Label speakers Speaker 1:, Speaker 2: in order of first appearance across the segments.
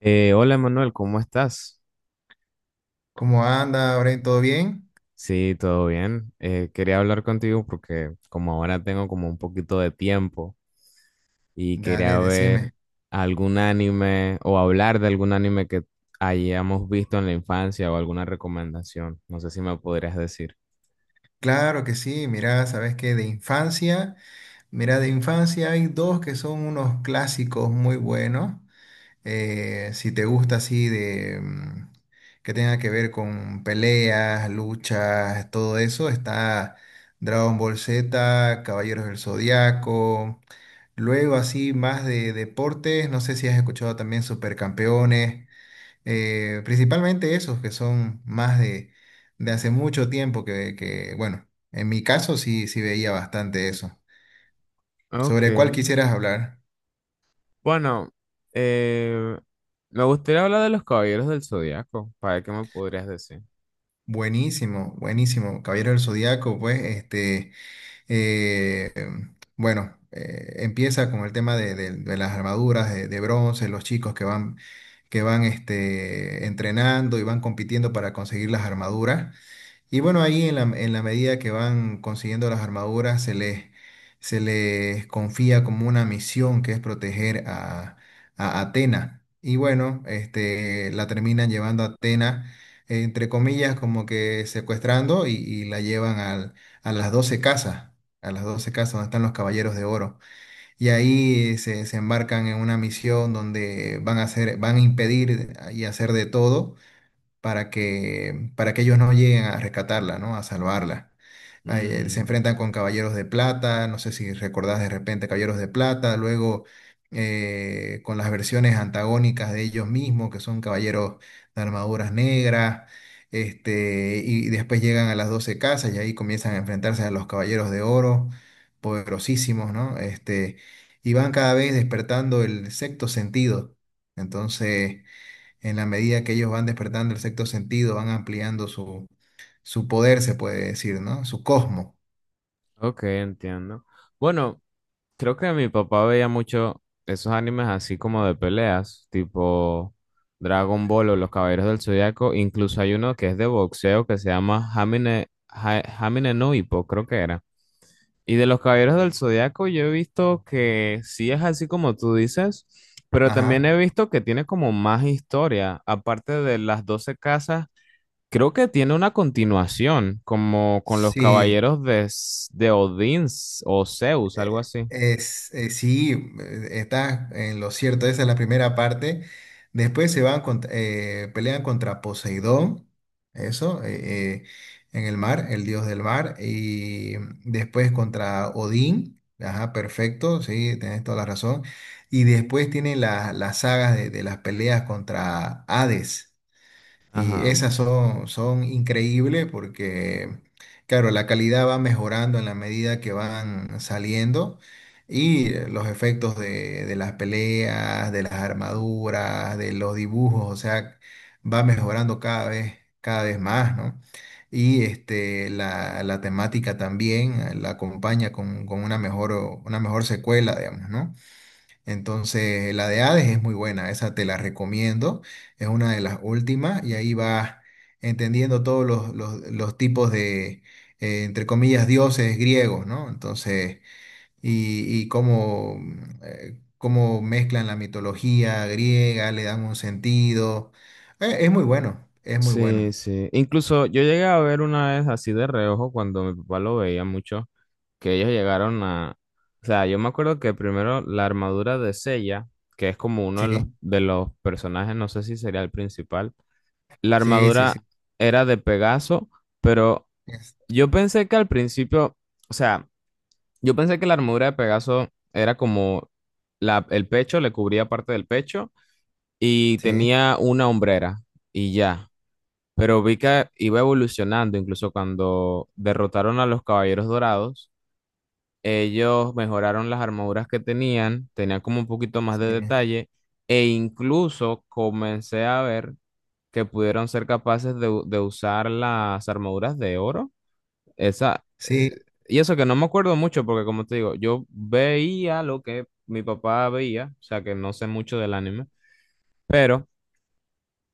Speaker 1: Hola Manuel, ¿cómo estás?
Speaker 2: ¿Cómo anda, Oren? ¿Todo bien?
Speaker 1: Sí, todo bien. Quería hablar contigo porque como ahora tengo como un poquito de tiempo y quería
Speaker 2: Dale,
Speaker 1: ver
Speaker 2: decime.
Speaker 1: algún anime o hablar de algún anime que hayamos visto en la infancia o alguna recomendación. No sé si me podrías decir.
Speaker 2: Claro que sí, mira, sabes que mira, de infancia hay dos que son unos clásicos muy buenos. Si te gusta así que tenga que ver con peleas, luchas, todo eso, está Dragon Ball Z, Caballeros del Zodiaco. Luego así más de deportes, no sé si has escuchado también Supercampeones. Principalmente esos que son más de hace mucho tiempo que, bueno, en mi caso sí, sí veía bastante eso.
Speaker 1: Ok.
Speaker 2: ¿Sobre cuál quisieras hablar?
Speaker 1: Bueno, eh, me gustaría hablar de los Caballeros del Zodiaco. ¿Para qué me podrías decir?
Speaker 2: Buenísimo, buenísimo. Caballero del Zodíaco, eh, bueno, empieza con el tema de las armaduras de bronce, los chicos que van, entrenando y van compitiendo para conseguir las armaduras. Y bueno, ahí en en la medida que van consiguiendo las armaduras, se les confía como una misión que es proteger a Atena. Y bueno, este, la terminan llevando a Atena, entre comillas, como que secuestrando y la llevan a las 12 a las 12 casas donde están los caballeros de oro. Y ahí se embarcan en una misión donde van a van a impedir y hacer de todo para que ellos no lleguen a rescatarla, ¿no? A salvarla. Se
Speaker 1: Mm,
Speaker 2: enfrentan con Caballeros de Plata, no sé si recordás de repente Caballeros de Plata, luego con las versiones antagónicas de ellos mismos, que son caballeros de armaduras negras, este, y después llegan a las 12 casas y ahí comienzan a enfrentarse a los Caballeros de Oro, poderosísimos, ¿no? Este, y van cada vez despertando el sexto sentido. Entonces en la medida que ellos van despertando el sexto sentido, van ampliando su poder, se puede decir, ¿no? Su cosmo.
Speaker 1: ok, entiendo. Bueno. Creo que mi papá veía mucho esos animes así como de peleas, tipo Dragon Ball o Los Caballeros del Zodiaco. Incluso hay uno que es de boxeo que se llama Hamine, Hamine no Ippo, creo que era. Y de Los Caballeros del
Speaker 2: Sí.
Speaker 1: Zodiaco yo he visto que sí es así como tú dices, pero también
Speaker 2: Ajá.
Speaker 1: he visto que tiene como más historia. Aparte de las 12 casas, creo que tiene una continuación, como con los
Speaker 2: Sí.
Speaker 1: Caballeros de, de Odín o Zeus, algo
Speaker 2: Eh,
Speaker 1: así.
Speaker 2: Es, eh, sí, Estás en lo cierto, esa es la primera parte. Después se van pelean contra Poseidón, eso, eh, eh, en el mar, el dios del mar, y después contra Odín, ajá, perfecto, sí, tenés toda la razón. Y después tienen las sagas de las peleas contra Hades. Y
Speaker 1: Ajá.
Speaker 2: esas son, son increíbles porque, claro, la calidad va mejorando en la medida que van saliendo y los efectos de las peleas, de las armaduras, de los dibujos, o sea, va mejorando cada vez más, ¿no? Y este, la temática también la acompaña con una mejor secuela, digamos, ¿no? Entonces, la de Hades es muy buena, esa te la recomiendo, es una de las últimas y ahí vas entendiendo todos los tipos de, entre comillas, dioses griegos, ¿no? Entonces, y cómo mezclan la mitología griega, le dan un sentido. Es muy bueno, es muy
Speaker 1: Sí,
Speaker 2: bueno.
Speaker 1: sí. Incluso yo llegué a ver una vez así de reojo cuando mi papá lo veía mucho, que ellos llegaron a. O sea, yo me acuerdo que primero la armadura de Sella, que es como uno
Speaker 2: Sí,
Speaker 1: de los personajes, no sé si sería el principal, la
Speaker 2: sí, sí,
Speaker 1: armadura
Speaker 2: sí.
Speaker 1: era de Pegaso, pero
Speaker 2: es-
Speaker 1: yo pensé que al principio, o sea, yo pensé que la armadura de Pegaso era como la, el pecho, le cubría parte del pecho y
Speaker 2: Sí,
Speaker 1: tenía una hombrera y ya. Pero vi que iba evolucionando, incluso cuando derrotaron a los Caballeros Dorados, ellos mejoraron las armaduras que tenían, tenían como un poquito más de
Speaker 2: sí, sí.
Speaker 1: detalle, e incluso comencé a ver que pudieron ser capaces de, de usar las armaduras de oro. Esa,
Speaker 2: Sí,
Speaker 1: eh, y eso que no me acuerdo mucho, porque como te digo, yo veía lo que mi papá veía, o sea que no sé mucho del anime, pero.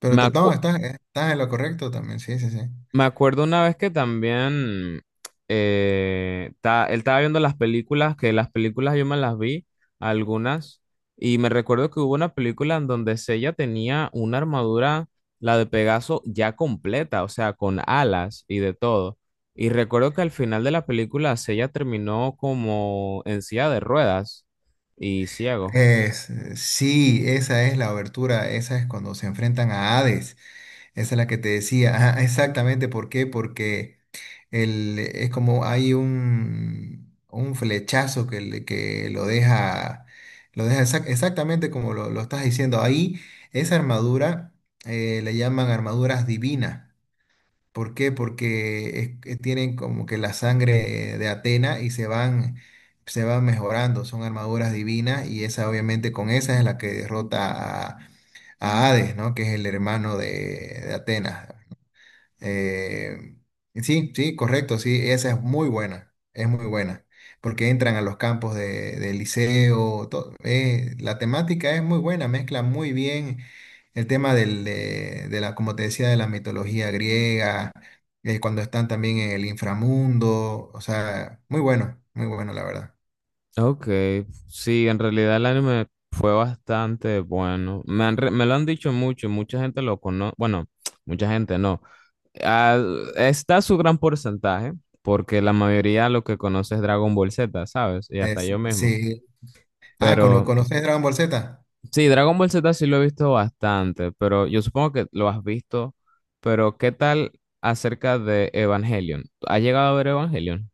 Speaker 2: pero
Speaker 1: Me
Speaker 2: no,
Speaker 1: acu-
Speaker 2: estás en lo correcto también, sí, sí, sí.
Speaker 1: Me acuerdo una vez que también él estaba viendo las películas, que las películas yo me las vi, algunas, y me recuerdo que hubo una película en donde Sella tenía una armadura, la de Pegaso, ya completa, o sea, con alas y de todo. Y recuerdo que al final de la película Sella terminó como en silla de ruedas y ciego.
Speaker 2: Es, sí, esa es la obertura, esa es cuando se enfrentan a Hades, esa es la que te decía. Ajá, exactamente. ¿Por qué? Porque es como hay un flechazo que lo deja exactamente como lo estás diciendo, ahí esa armadura le llaman armaduras divinas. ¿Por qué? Porque es que tienen como que la sangre de Atena y se van mejorando, son armaduras divinas y esa obviamente con esa es la que derrota a Hades, ¿no? Que es el hermano de Atenas. Eh, sí, sí, correcto, sí, esa es muy buena, porque entran a los campos de liceo, la temática es muy buena, mezcla muy bien el tema de la, como te decía, de la mitología griega, cuando están también en el inframundo, o sea, muy bueno, muy bueno, la verdad.
Speaker 1: Ok, sí, en realidad el anime fue bastante bueno. Me lo han dicho mucho, mucha gente lo conoce, bueno, mucha gente no. Ah, está su gran porcentaje, porque la mayoría lo que conoce es Dragon Ball Z, ¿sabes? Y hasta yo mismo.
Speaker 2: Sí. Ah,
Speaker 1: Pero
Speaker 2: ¿conoces Dragon Ball Z?
Speaker 1: sí, Dragon Ball Z sí lo he visto bastante, pero yo supongo que lo has visto. Pero ¿qué tal acerca de Evangelion? ¿Has llegado a ver Evangelion?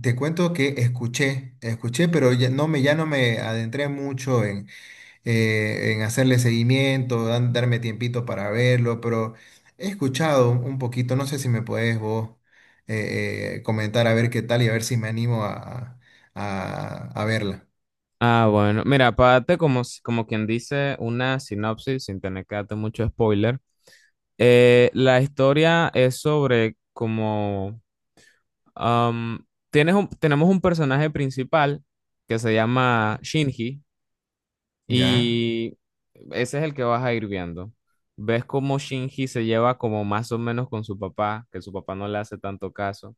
Speaker 2: Te cuento que escuché, escuché, pero ya no me adentré mucho en hacerle seguimiento, darme tiempito para verlo, pero he escuchado un poquito, no sé si me puedes vos comentar a ver qué tal y a ver si me animo a verla.
Speaker 1: Ah, bueno, mira, para darte como, como quien dice una sinopsis, sin tener que darte mucho spoiler, la historia es sobre como tenemos un personaje principal que se llama Shinji
Speaker 2: Ya,
Speaker 1: y ese es el que vas a ir viendo. Ves cómo Shinji se lleva como más o menos con su papá, que su papá no le hace tanto caso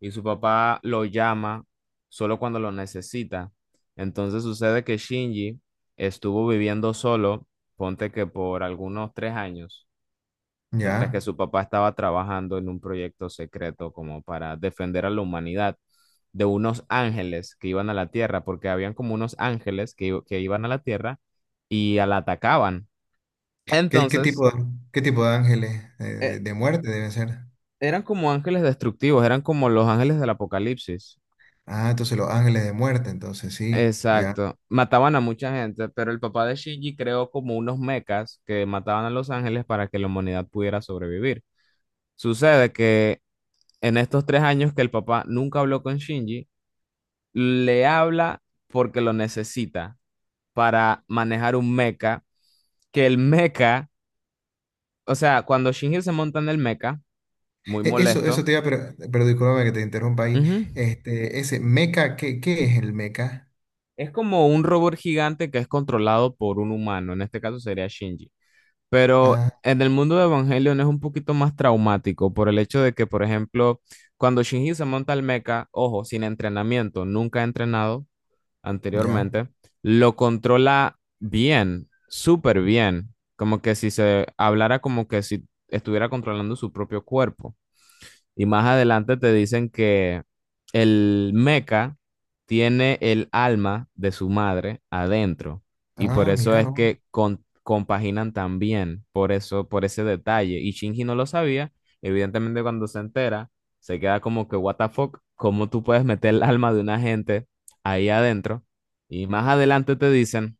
Speaker 1: y su papá lo llama solo cuando lo necesita. Entonces sucede que Shinji estuvo viviendo solo, ponte que por algunos 3 años, mientras que
Speaker 2: ya.
Speaker 1: su papá estaba trabajando en un proyecto secreto como para defender a la humanidad de unos ángeles que iban a la Tierra, porque habían como unos ángeles que iban a la Tierra y a la atacaban.
Speaker 2: ¿Qué, qué
Speaker 1: Entonces,
Speaker 2: tipo, de- ¿Qué tipo de ángeles
Speaker 1: eh,
Speaker 2: de muerte deben ser?
Speaker 1: eran como ángeles destructivos, eran como los ángeles del apocalipsis.
Speaker 2: Ah, entonces los ángeles de muerte, entonces sí, ya.
Speaker 1: Exacto. Mataban a mucha gente, pero el papá de Shinji creó como unos mechas que mataban a los ángeles para que la humanidad pudiera sobrevivir. Sucede que en estos 3 años que el papá nunca habló con Shinji, le habla porque lo necesita para manejar un mecha, que el mecha, o sea, cuando Shinji se monta en el mecha, muy
Speaker 2: Eso
Speaker 1: molesto,
Speaker 2: te iba a pero discúlpame que te interrumpa ahí.
Speaker 1: ujú,
Speaker 2: Este, ese meca, ¿qué es el meca?
Speaker 1: es como un robot gigante que es controlado por un humano, en este caso sería Shinji. Pero
Speaker 2: Ah,
Speaker 1: en el mundo de Evangelion es un poquito más traumático por el hecho de que, por ejemplo, cuando Shinji se monta al mecha, ojo, sin entrenamiento, nunca ha entrenado
Speaker 2: ya.
Speaker 1: anteriormente, lo controla bien, súper bien, como que si se hablara como que si estuviera controlando su propio cuerpo. Y más adelante te dicen que el meca tiene el alma de su madre adentro. Y por
Speaker 2: Ah,
Speaker 1: eso
Speaker 2: mira
Speaker 1: es
Speaker 2: vos.
Speaker 1: que compaginan tan bien por eso, por ese detalle. Y Shinji no lo sabía. Evidentemente, cuando se entera, se queda como que, what the fuck, ¿cómo tú puedes meter el alma de una gente ahí adentro? Y más adelante te dicen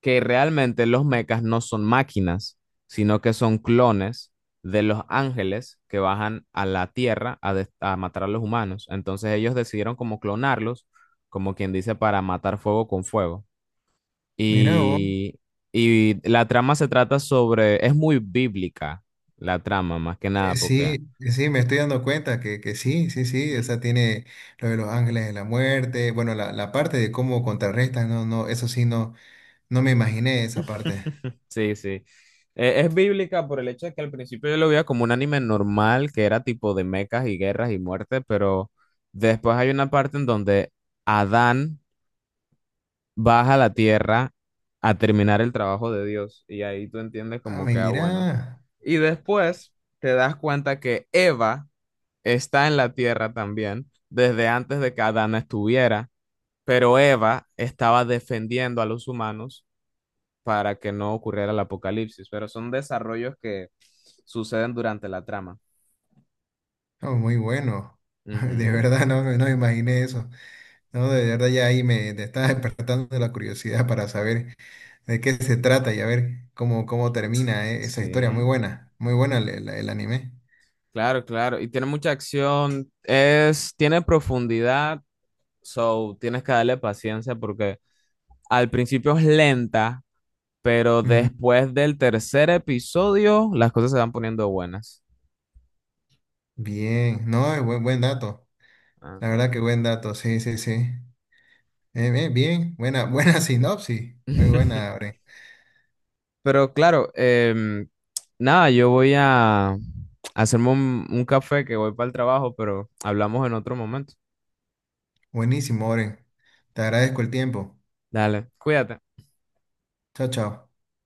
Speaker 1: que realmente los mechas no son máquinas, sino que son clones de los ángeles que bajan a la tierra a, a matar a los humanos. Entonces ellos decidieron como clonarlos, como quien dice, para matar fuego con fuego.
Speaker 2: Mira vos.
Speaker 1: Y, y la trama se trata sobre, es muy bíblica la trama, más que nada, porque.
Speaker 2: Sí, sí, me estoy dando cuenta que sí, sí, sí, o
Speaker 1: Mm.
Speaker 2: sea, tiene lo de los ángeles de la muerte, bueno, la parte de cómo contrarrestan, no, no, eso sí, no, no me imaginé esa parte.
Speaker 1: Sí, sí. Es bíblica por el hecho de que al principio yo lo veía como un anime normal, que era tipo de mechas y guerras y muerte, pero después hay una parte en donde Adán baja a la tierra a terminar el trabajo de Dios y ahí tú entiendes
Speaker 2: Ah,
Speaker 1: como que, ah, bueno.
Speaker 2: mira,
Speaker 1: Y después te das cuenta que Eva está en la tierra también, desde antes de que Adán estuviera, pero Eva estaba defendiendo a los humanos para que no ocurriera el apocalipsis, pero son desarrollos que suceden durante la trama.
Speaker 2: oh, muy bueno, de
Speaker 1: Ujú,
Speaker 2: verdad no, no me imaginé eso, no, de verdad ya ahí me está despertando la curiosidad para saber de qué se trata y a ver cómo, cómo termina, esa historia,
Speaker 1: sí,
Speaker 2: muy buena el anime.
Speaker 1: claro, claro. Y tiene mucha acción, es, tiene profundidad, so tienes que darle paciencia porque al principio es lenta, pero
Speaker 2: Ujú.
Speaker 1: después del tercer episodio las cosas se van poniendo buenas.
Speaker 2: Bien, no, es buen, buen dato, la
Speaker 1: Ajá.
Speaker 2: verdad que buen dato, sí, sí, sí. Bien, buena, buena sinopsis. Muy buena, Oren.
Speaker 1: Pero claro, nada, yo voy a hacerme un café que voy para el trabajo, pero hablamos en otro momento.
Speaker 2: Buenísimo, Oren. Te agradezco el tiempo.
Speaker 1: Dale, cuídate.
Speaker 2: Chao, chao.